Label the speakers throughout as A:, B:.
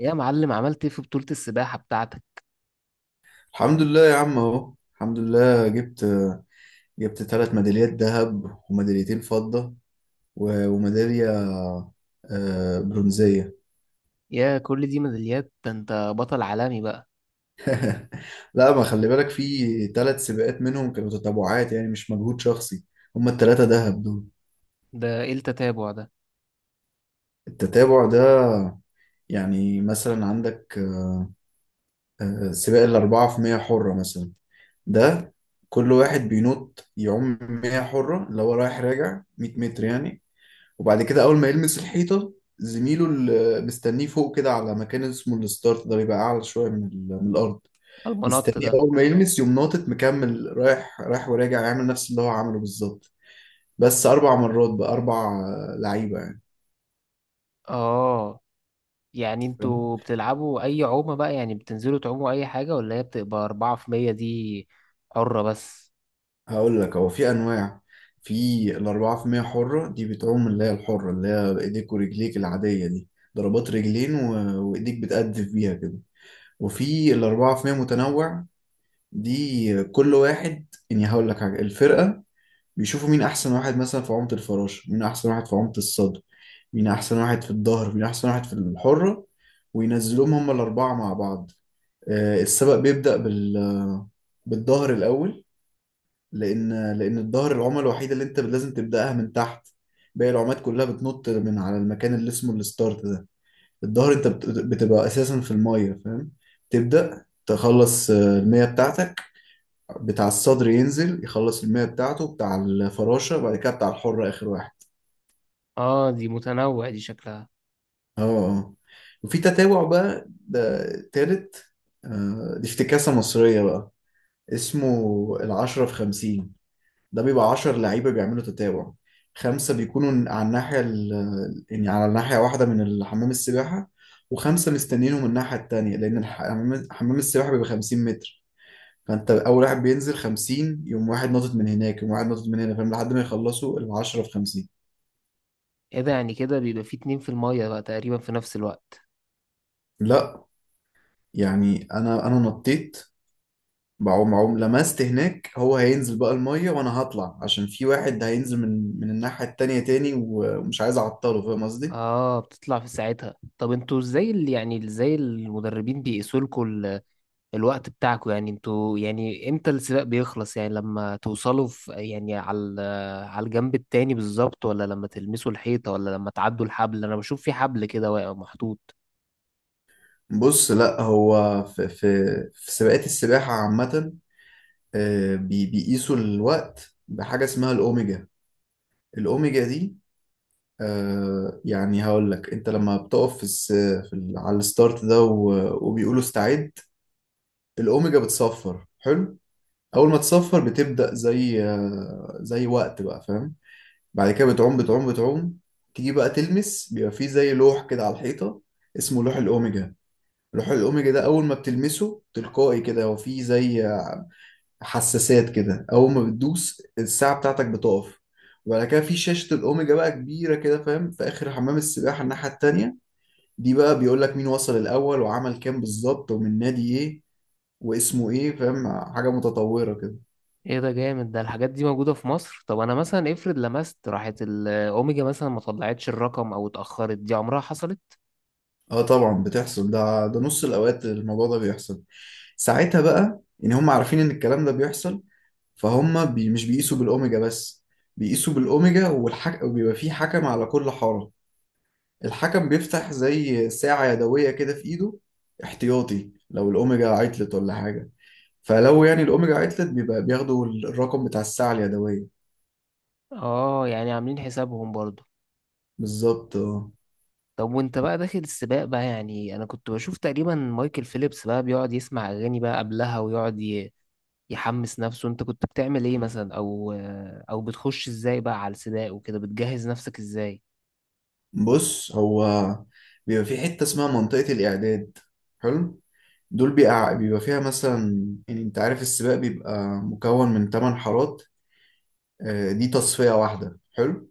A: يا معلم، عملت ايه في بطولة السباحة بتاعتك؟
B: الحمد لله يا عم اهو، الحمد لله. جبت 3 ميداليات ذهب وميداليتين فضة و- وميدالية برونزية.
A: يا كل دي ميداليات، ده انت بطل عالمي بقى.
B: لا، ما خلي بالك، في 3 سباقات منهم كانوا تتابعات، يعني مش مجهود شخصي. هما الثلاثة ذهب دول.
A: ده ايه التتابع ده؟
B: التتابع ده، يعني مثلا عندك سباق الأربعة في مية حرة مثلا. ده كل واحد بينط يعوم 100 حرة، اللي هو رايح راجع 100 متر يعني. وبعد كده اول ما يلمس الحيطه، زميله اللي مستنيه فوق كده على مكان اسمه الستارت ده بيبقى اعلى شويه من الارض.
A: المنط
B: مستنيه
A: ده؟
B: اول ما يلمس يقوم ناطط مكمل رايح وراجع، يعمل نفس اللي هو عمله بالظبط. بس اربع مرات بقى، اربع لعيبه يعني.
A: اه. يعني
B: فاهم؟
A: انتوا بتلعبوا اي عومة بقى؟ يعني بتنزلوا تعوموا اي حاجة ولا هي بتبقى اربعة في مية دي؟ حرة بس.
B: هقول لك، هو في انواع. في الاربعه في مية حره دي بتعوم اللي هي الحره، اللي هي ايديك ورجليك العاديه دي. ضربات رجلين و... وايديك بتقدف بيها كده. وفي الأربعة في مية متنوع، دي كل واحد يعني. هقول لك حاجة، الفرقة بيشوفوا مين أحسن واحد مثلا في عمق الفراشة، مين أحسن واحد في عمق الصدر، مين أحسن واحد في الظهر، مين أحسن واحد في الحرة، وينزلوهم هما الأربعة مع بعض. السبق بيبدأ بالظهر الأول. لأن الظهر العمى الوحيدة اللي أنت لازم تبدأها من تحت. باقي العمات كلها بتنط من على المكان اللي اسمه الستارت ده. الظهر أنت بتبقى أساسا في المية، فاهم. تبدأ تخلص المية بتاعتك. بتاع الصدر ينزل يخلص المية بتاعته، بتاع الفراشة، وبعد كده بتاع الحرة آخر واحد.
A: اه، دي متنوع دي شكلها.
B: اه. اه. وفي تتابع بقى، ده تالت. دي افتكاسة مصرية بقى، اسمه العشرة في خمسين. ده بيبقى عشر لعيبة بيعملوا تتابع. خمسة بيكونوا على يعني على ناحية واحدة من الحمام السباحة، وخمسة مستنينهم من الناحية التانية. لأن حمام السباحة بيبقى 50 متر. فانت اول واحد بينزل 50، يقوم واحد ناطط من هناك، يقوم واحد ناطط من هنا، فاهم، لحد ما يخلصوا ال 10 في 50.
A: ايه ده؟ يعني كده بيبقى في اتنين في المية بقى تقريبا في نفس الوقت؟
B: لا. يعني انا نطيت، بعوم لمست هناك، هو هينزل بقى الميه، وانا هطلع عشان في واحد هينزل من الناحيه التانيه تاني، ومش عايز اعطله، فاهم قصدي.
A: اه، بتطلع في ساعتها. طب انتوا ازاي يعني ازاي المدربين بيقيسوا لكم الوقت بتاعكم؟ يعني انتوا يعني امتى السباق بيخلص؟ يعني لما توصلوا في، يعني، على على الجنب التاني بالظبط، ولا لما تلمسوا الحيطة، ولا لما تعدوا الحبل؟ انا بشوف في حبل كده واقع محطوط.
B: بص، لا هو في في سباقات السباحه عامه، بيقيسوا الوقت بحاجه اسمها الاوميجا. الاوميجا دي، آه يعني هقول لك. انت لما بتقف في, الس... في ال... على الستارت ده وبيقولوا استعد، الاوميجا بتصفر. حلو. اول ما تصفر بتبدأ زي زي وقت بقى، فاهم. بعد كده بتعوم. تيجي بقى تلمس، بيبقى فيه زي لوح كده على الحيطة، اسمه لوح الاوميجا. لوح الاوميجا ده اول ما بتلمسه تلقائي كده، هو فيه زي حساسات كده، اول ما بتدوس الساعة بتاعتك بتقف. وبعد كده في شاشة الأوميجا بقى كبيرة كده، فاهم، في آخر حمام السباحة الناحية التانية دي. بقى بيقول لك مين وصل الاول وعمل كام بالظبط ومن نادي ايه واسمه ايه، فاهم. حاجه متطوره كده.
A: ايه ده جامد ده، الحاجات دي موجودة في مصر؟ طب انا مثلا افرض لمست راحت الاوميجا مثلا ما طلعتش الرقم او اتأخرت، دي عمرها حصلت؟
B: اه طبعا بتحصل. ده نص الاوقات الموضوع ده بيحصل. ساعتها بقى ان هم عارفين ان الكلام ده بيحصل، فهم بي مش بيقيسوا بالاوميجا بس. بيقيسوا بالاوميجا وبيبقى فيه حكم على كل حاره. الحكم بيفتح زي ساعه يدويه كده في ايده، احتياطي، لو الاوميجا عطلت ولا حاجه. فلو يعني الاوميجا عطلت بيبقى بياخدوا الرقم بتاع الساعه اليدويه.
A: اه، يعني عاملين حسابهم برضو.
B: بالظبط اه.
A: طب وانت بقى داخل السباق بقى، يعني انا كنت بشوف تقريبا مايكل فيليبس بقى بيقعد يسمع اغاني بقى قبلها ويقعد يحمس نفسه، انت كنت بتعمل ايه مثلا؟ او بتخش ازاي بقى على السباق؟ وكده بتجهز نفسك ازاي؟
B: بص هو بيبقى في حتة اسمها منطقة الإعداد. حلو. دول بيبقى فيها مثلا، يعني أنت عارف السباق بيبقى مكون من 8 حارات. دي تصفية واحدة. حلو.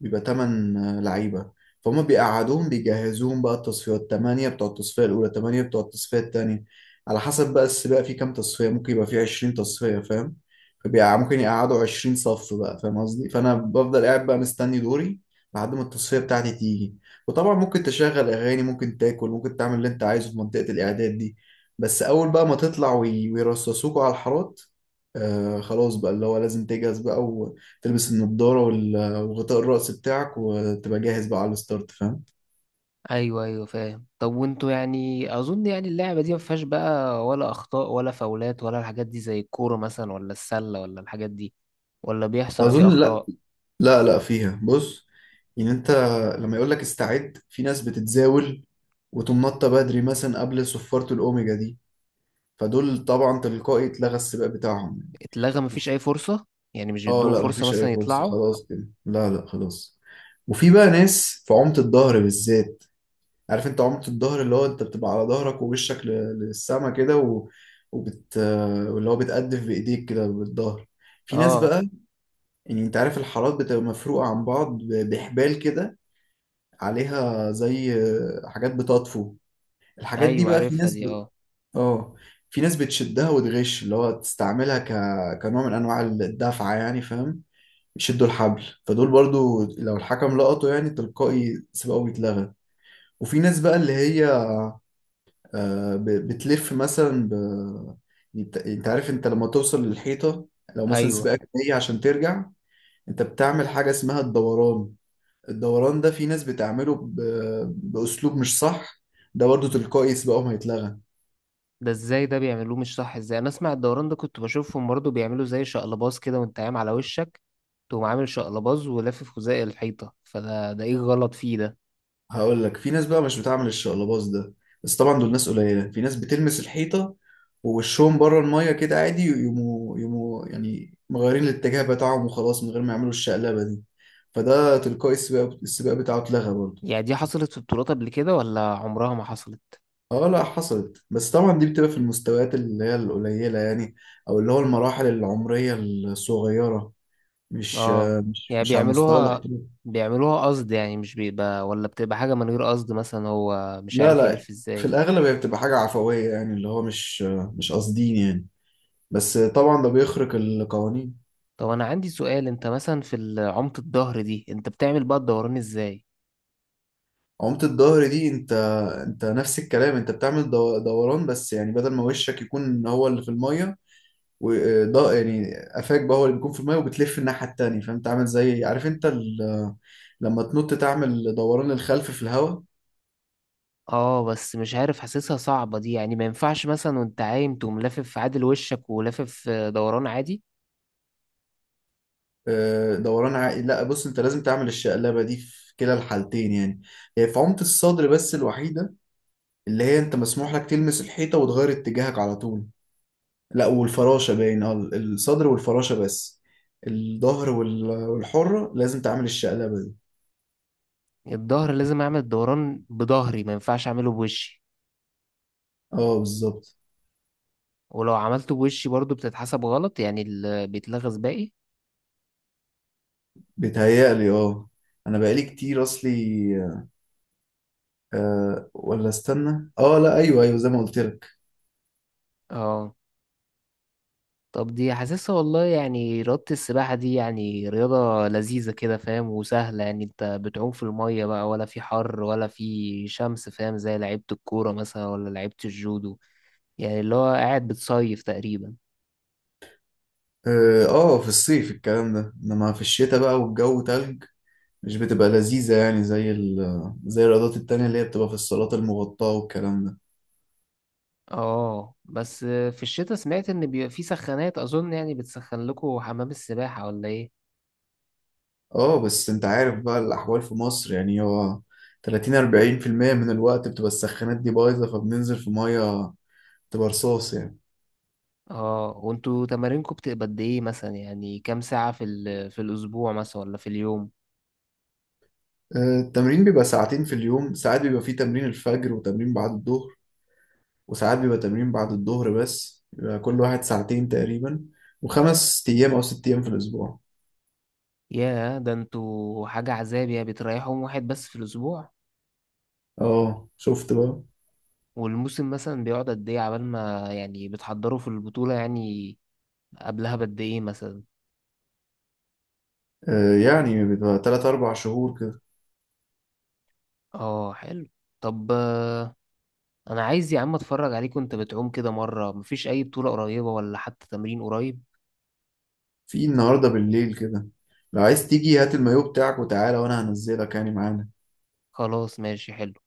B: بيبقى تمن لعيبة. فهم بيقعدوهم بيجهزوهم بقى. التصفيات تمانية بتوع التصفية الأولى، تمانية بتوع التصفية التانية، على حسب بقى السباق فيه كام تصفية. ممكن يبقى فيه 20 تصفية، فاهم. فبيبقى ممكن يقعدوا 20 صف بقى، فاهم قصدي. فأنا بفضل قاعد بقى مستني دوري لحد ما التصفية بتاعتي تيجي. وطبعا ممكن تشغل أغاني، ممكن تاكل، ممكن تعمل اللي أنت عايزه في منطقة الإعداد دي. بس أول بقى ما تطلع وي- ويرصصوكوا على الحارات، آه خلاص بقى اللي هو لازم تجهز بقى، وتلبس النضارة وغطاء الرأس بتاعك، وتبقى جاهز بقى على الستارت، فاهم.
A: ايوه، ايوه، فاهم. طب وانتوا يعني اظن يعني اللعبه دي ما فيهاش بقى ولا اخطاء ولا فاولات ولا الحاجات دي، زي الكوره مثلا ولا السله ولا الحاجات دي؟ ولا بيحصل فيه
B: أظن لا.
A: اخطاء؟
B: لا لا فيها. بص، يعني أنت لما يقول لك استعد في ناس بتتزاول وتقوم نطة بدري مثلا قبل صفارة الأوميجا دي، فدول طبعا تلقائي اتلغى السباق بتاعهم.
A: اتلغى؟ مفيش اي فرصه؟ يعني مش
B: اه
A: بيدوهم
B: لا
A: فرصه
B: مفيش أي
A: مثلا
B: فرصة،
A: يطلعوا؟
B: خلاص كده. لا لا، خلاص. وفي بقى ناس في عمق الظهر بالذات. عارف انت عمق الظهر، اللي هو انت بتبقى على ظهرك ووشك للسما كده، وبت... واللي هو بتقدف بإيديك كده بالظهر. في ناس
A: اه.
B: بقى، يعني انت عارف الحارات بتبقى مفروقة عن بعض بحبال كده، عليها زي حاجات بتطفو. الحاجات دي
A: ايوه،
B: بقى في
A: عارفها دي، اه.
B: اه، في ناس بتشدها وتغش، اللي هو تستعملها كنوع من انواع الدفعة يعني فاهم. يشدوا الحبل، فدول برضو لو الحكم لقطه يعني تلقائي سبقه بيتلغى. وفي ناس بقى اللي هي بتلف مثلا انت عارف، انت لما توصل للحيطة لو مثلا
A: ايوه.
B: سباقك جاي عشان ترجع انت بتعمل حاجة اسمها الدوران. الدوران ده في ناس بتعمله بأسلوب مش صح. ده برضه تلقائي سبقهم هيتلغى.
A: ده ازاي ده بيعملوه مش صح؟ ازاي؟ انا اسمع الدوران ده كنت بشوفهم برضه بيعملوا زي شقلباز كده، وانت قايم على وشك تقوم عامل شقلباز ولافف خزائي الحيطة، فده ده ايه غلط فيه ده؟
B: هقول لك، في ناس بقى مش بتعمل الشقلباص ده، بس طبعا دول ناس قليلة. في ناس بتلمس الحيطة ووشهم بره المية كده عادي، يقوموا يعني مغيرين الاتجاه بتاعهم وخلاص، من غير ما يعملوا الشقلبة دي. فده تلقائي السباق بتاعه اتلغى برضه.
A: يعني دي حصلت في بطولات قبل كده ولا عمرها ما حصلت؟
B: اه لا حصلت، بس طبعا دي بتبقى في المستويات اللي هي القليلة يعني، او اللي هو المراحل العمرية الصغيرة. مش
A: اه.
B: مش
A: يعني
B: مش على المستوى
A: بيعملوها
B: الاحترافي.
A: بيعملوها قصد؟ يعني مش بيبقى، ولا بتبقى حاجة من غير قصد مثلا، هو مش
B: لا
A: عارف
B: لا،
A: يلف
B: في
A: ازاي؟
B: الأغلب هي بتبقى حاجة عفوية، يعني اللي هو مش قاصدين يعني. بس طبعا ده بيخرق القوانين.
A: طب انا عندي سؤال، انت مثلا في عمق الظهر دي انت بتعمل بقى الدوران ازاي؟
B: عمت الظهر دي انت، نفس الكلام، انت بتعمل دوران، بس يعني بدل ما وشك يكون هو اللي في المية، وده يعني قفاك بقى هو اللي بيكون في المية، وبتلف الناحية التانية. فانت عامل زي، عارف انت لما تنط تعمل دوران الخلف في الهواء.
A: اه، بس مش عارف حاسسها صعبة دي، يعني ما ينفعش مثلا وانت عايم تقوم لافف في عادل وشك ولافف دوران عادي؟
B: دوران عائي، لا بص انت لازم تعمل الشقلبة دي في كلا الحالتين يعني. هي في عمت الصدر بس الوحيدة اللي هي انت مسموح لك تلمس الحيطة وتغير اتجاهك على طول. لا والفراشة باين. اه، الصدر والفراشة بس. الظهر والحرة لازم تعمل الشقلبة دي.
A: الظهر لازم اعمل دوران بظهري؟ ما ينفعش اعمله بوشي؟
B: اه بالظبط.
A: ولو عملته بوشي برضو بتتحسب غلط؟ يعني بيتلغز باقي؟
B: بيتهيألي اه، انا بقالي كتير اصلي، ولا استنى، اه لا، ايوه ايوه زي ما قلت لك.
A: اه. طب دي حاسسها والله، يعني رياضة السباحة دي يعني رياضة لذيذة كده، فاهم؟ وسهلة، يعني انت بتعوم في المية بقى، ولا في حر ولا في شمس، فاهم؟ زي لعيبة الكورة مثلا ولا لعيبة الجودو، يعني اللي هو قاعد بتصيف تقريبا.
B: اه. في الصيف الكلام ده، انما في الشتاء بقى والجو تلج مش بتبقى لذيذة، يعني زي الرياضات التانية اللي هي بتبقى في الصالات المغطاة والكلام ده.
A: اه، بس في الشتاء سمعت ان بيبقى في سخانات اظن، يعني بتسخن لكم حمام السباحة، ولا ايه؟
B: اه بس انت عارف بقى الاحوال في مصر. يعني هو 30 40% من الوقت بتبقى السخانات دي بايظه، فبننزل في ميه تبقى رصاص يعني.
A: اه. وانتوا تمارينكم بتبقى قد ايه مثلا؟ يعني كام ساعة في الاسبوع مثلا، ولا في اليوم؟
B: التمرين بيبقى ساعتين في اليوم. ساعات بيبقى فيه تمرين الفجر وتمرين بعد الظهر، وساعات بيبقى تمرين بعد الظهر بس، بيبقى كل واحد ساعتين تقريبا، وخمس ايام او 6 ايام في الاسبوع.
A: ياه، ده انتوا حاجة عذاب. يا بتريحوا يوم واحد بس في الاسبوع؟
B: اه شفت بقى.
A: والموسم مثلا بيقعد قد ايه عبال ما، يعني، بتحضروا في البطولة؟ يعني قبلها بقد ايه مثلا؟
B: يعني بيبقى 3 4 شهور كده.
A: اه، حلو. طب، انا عايز يا عم اتفرج عليك وانت بتعوم كده مرة. مفيش اي بطولة قريبة ولا حتى تمرين قريب؟
B: في النهارده بالليل كده، لو عايز تيجي هات المايو بتاعك وتعالى، وانا هنزلك يعني معانا.
A: خلاص، ماشي، حلو.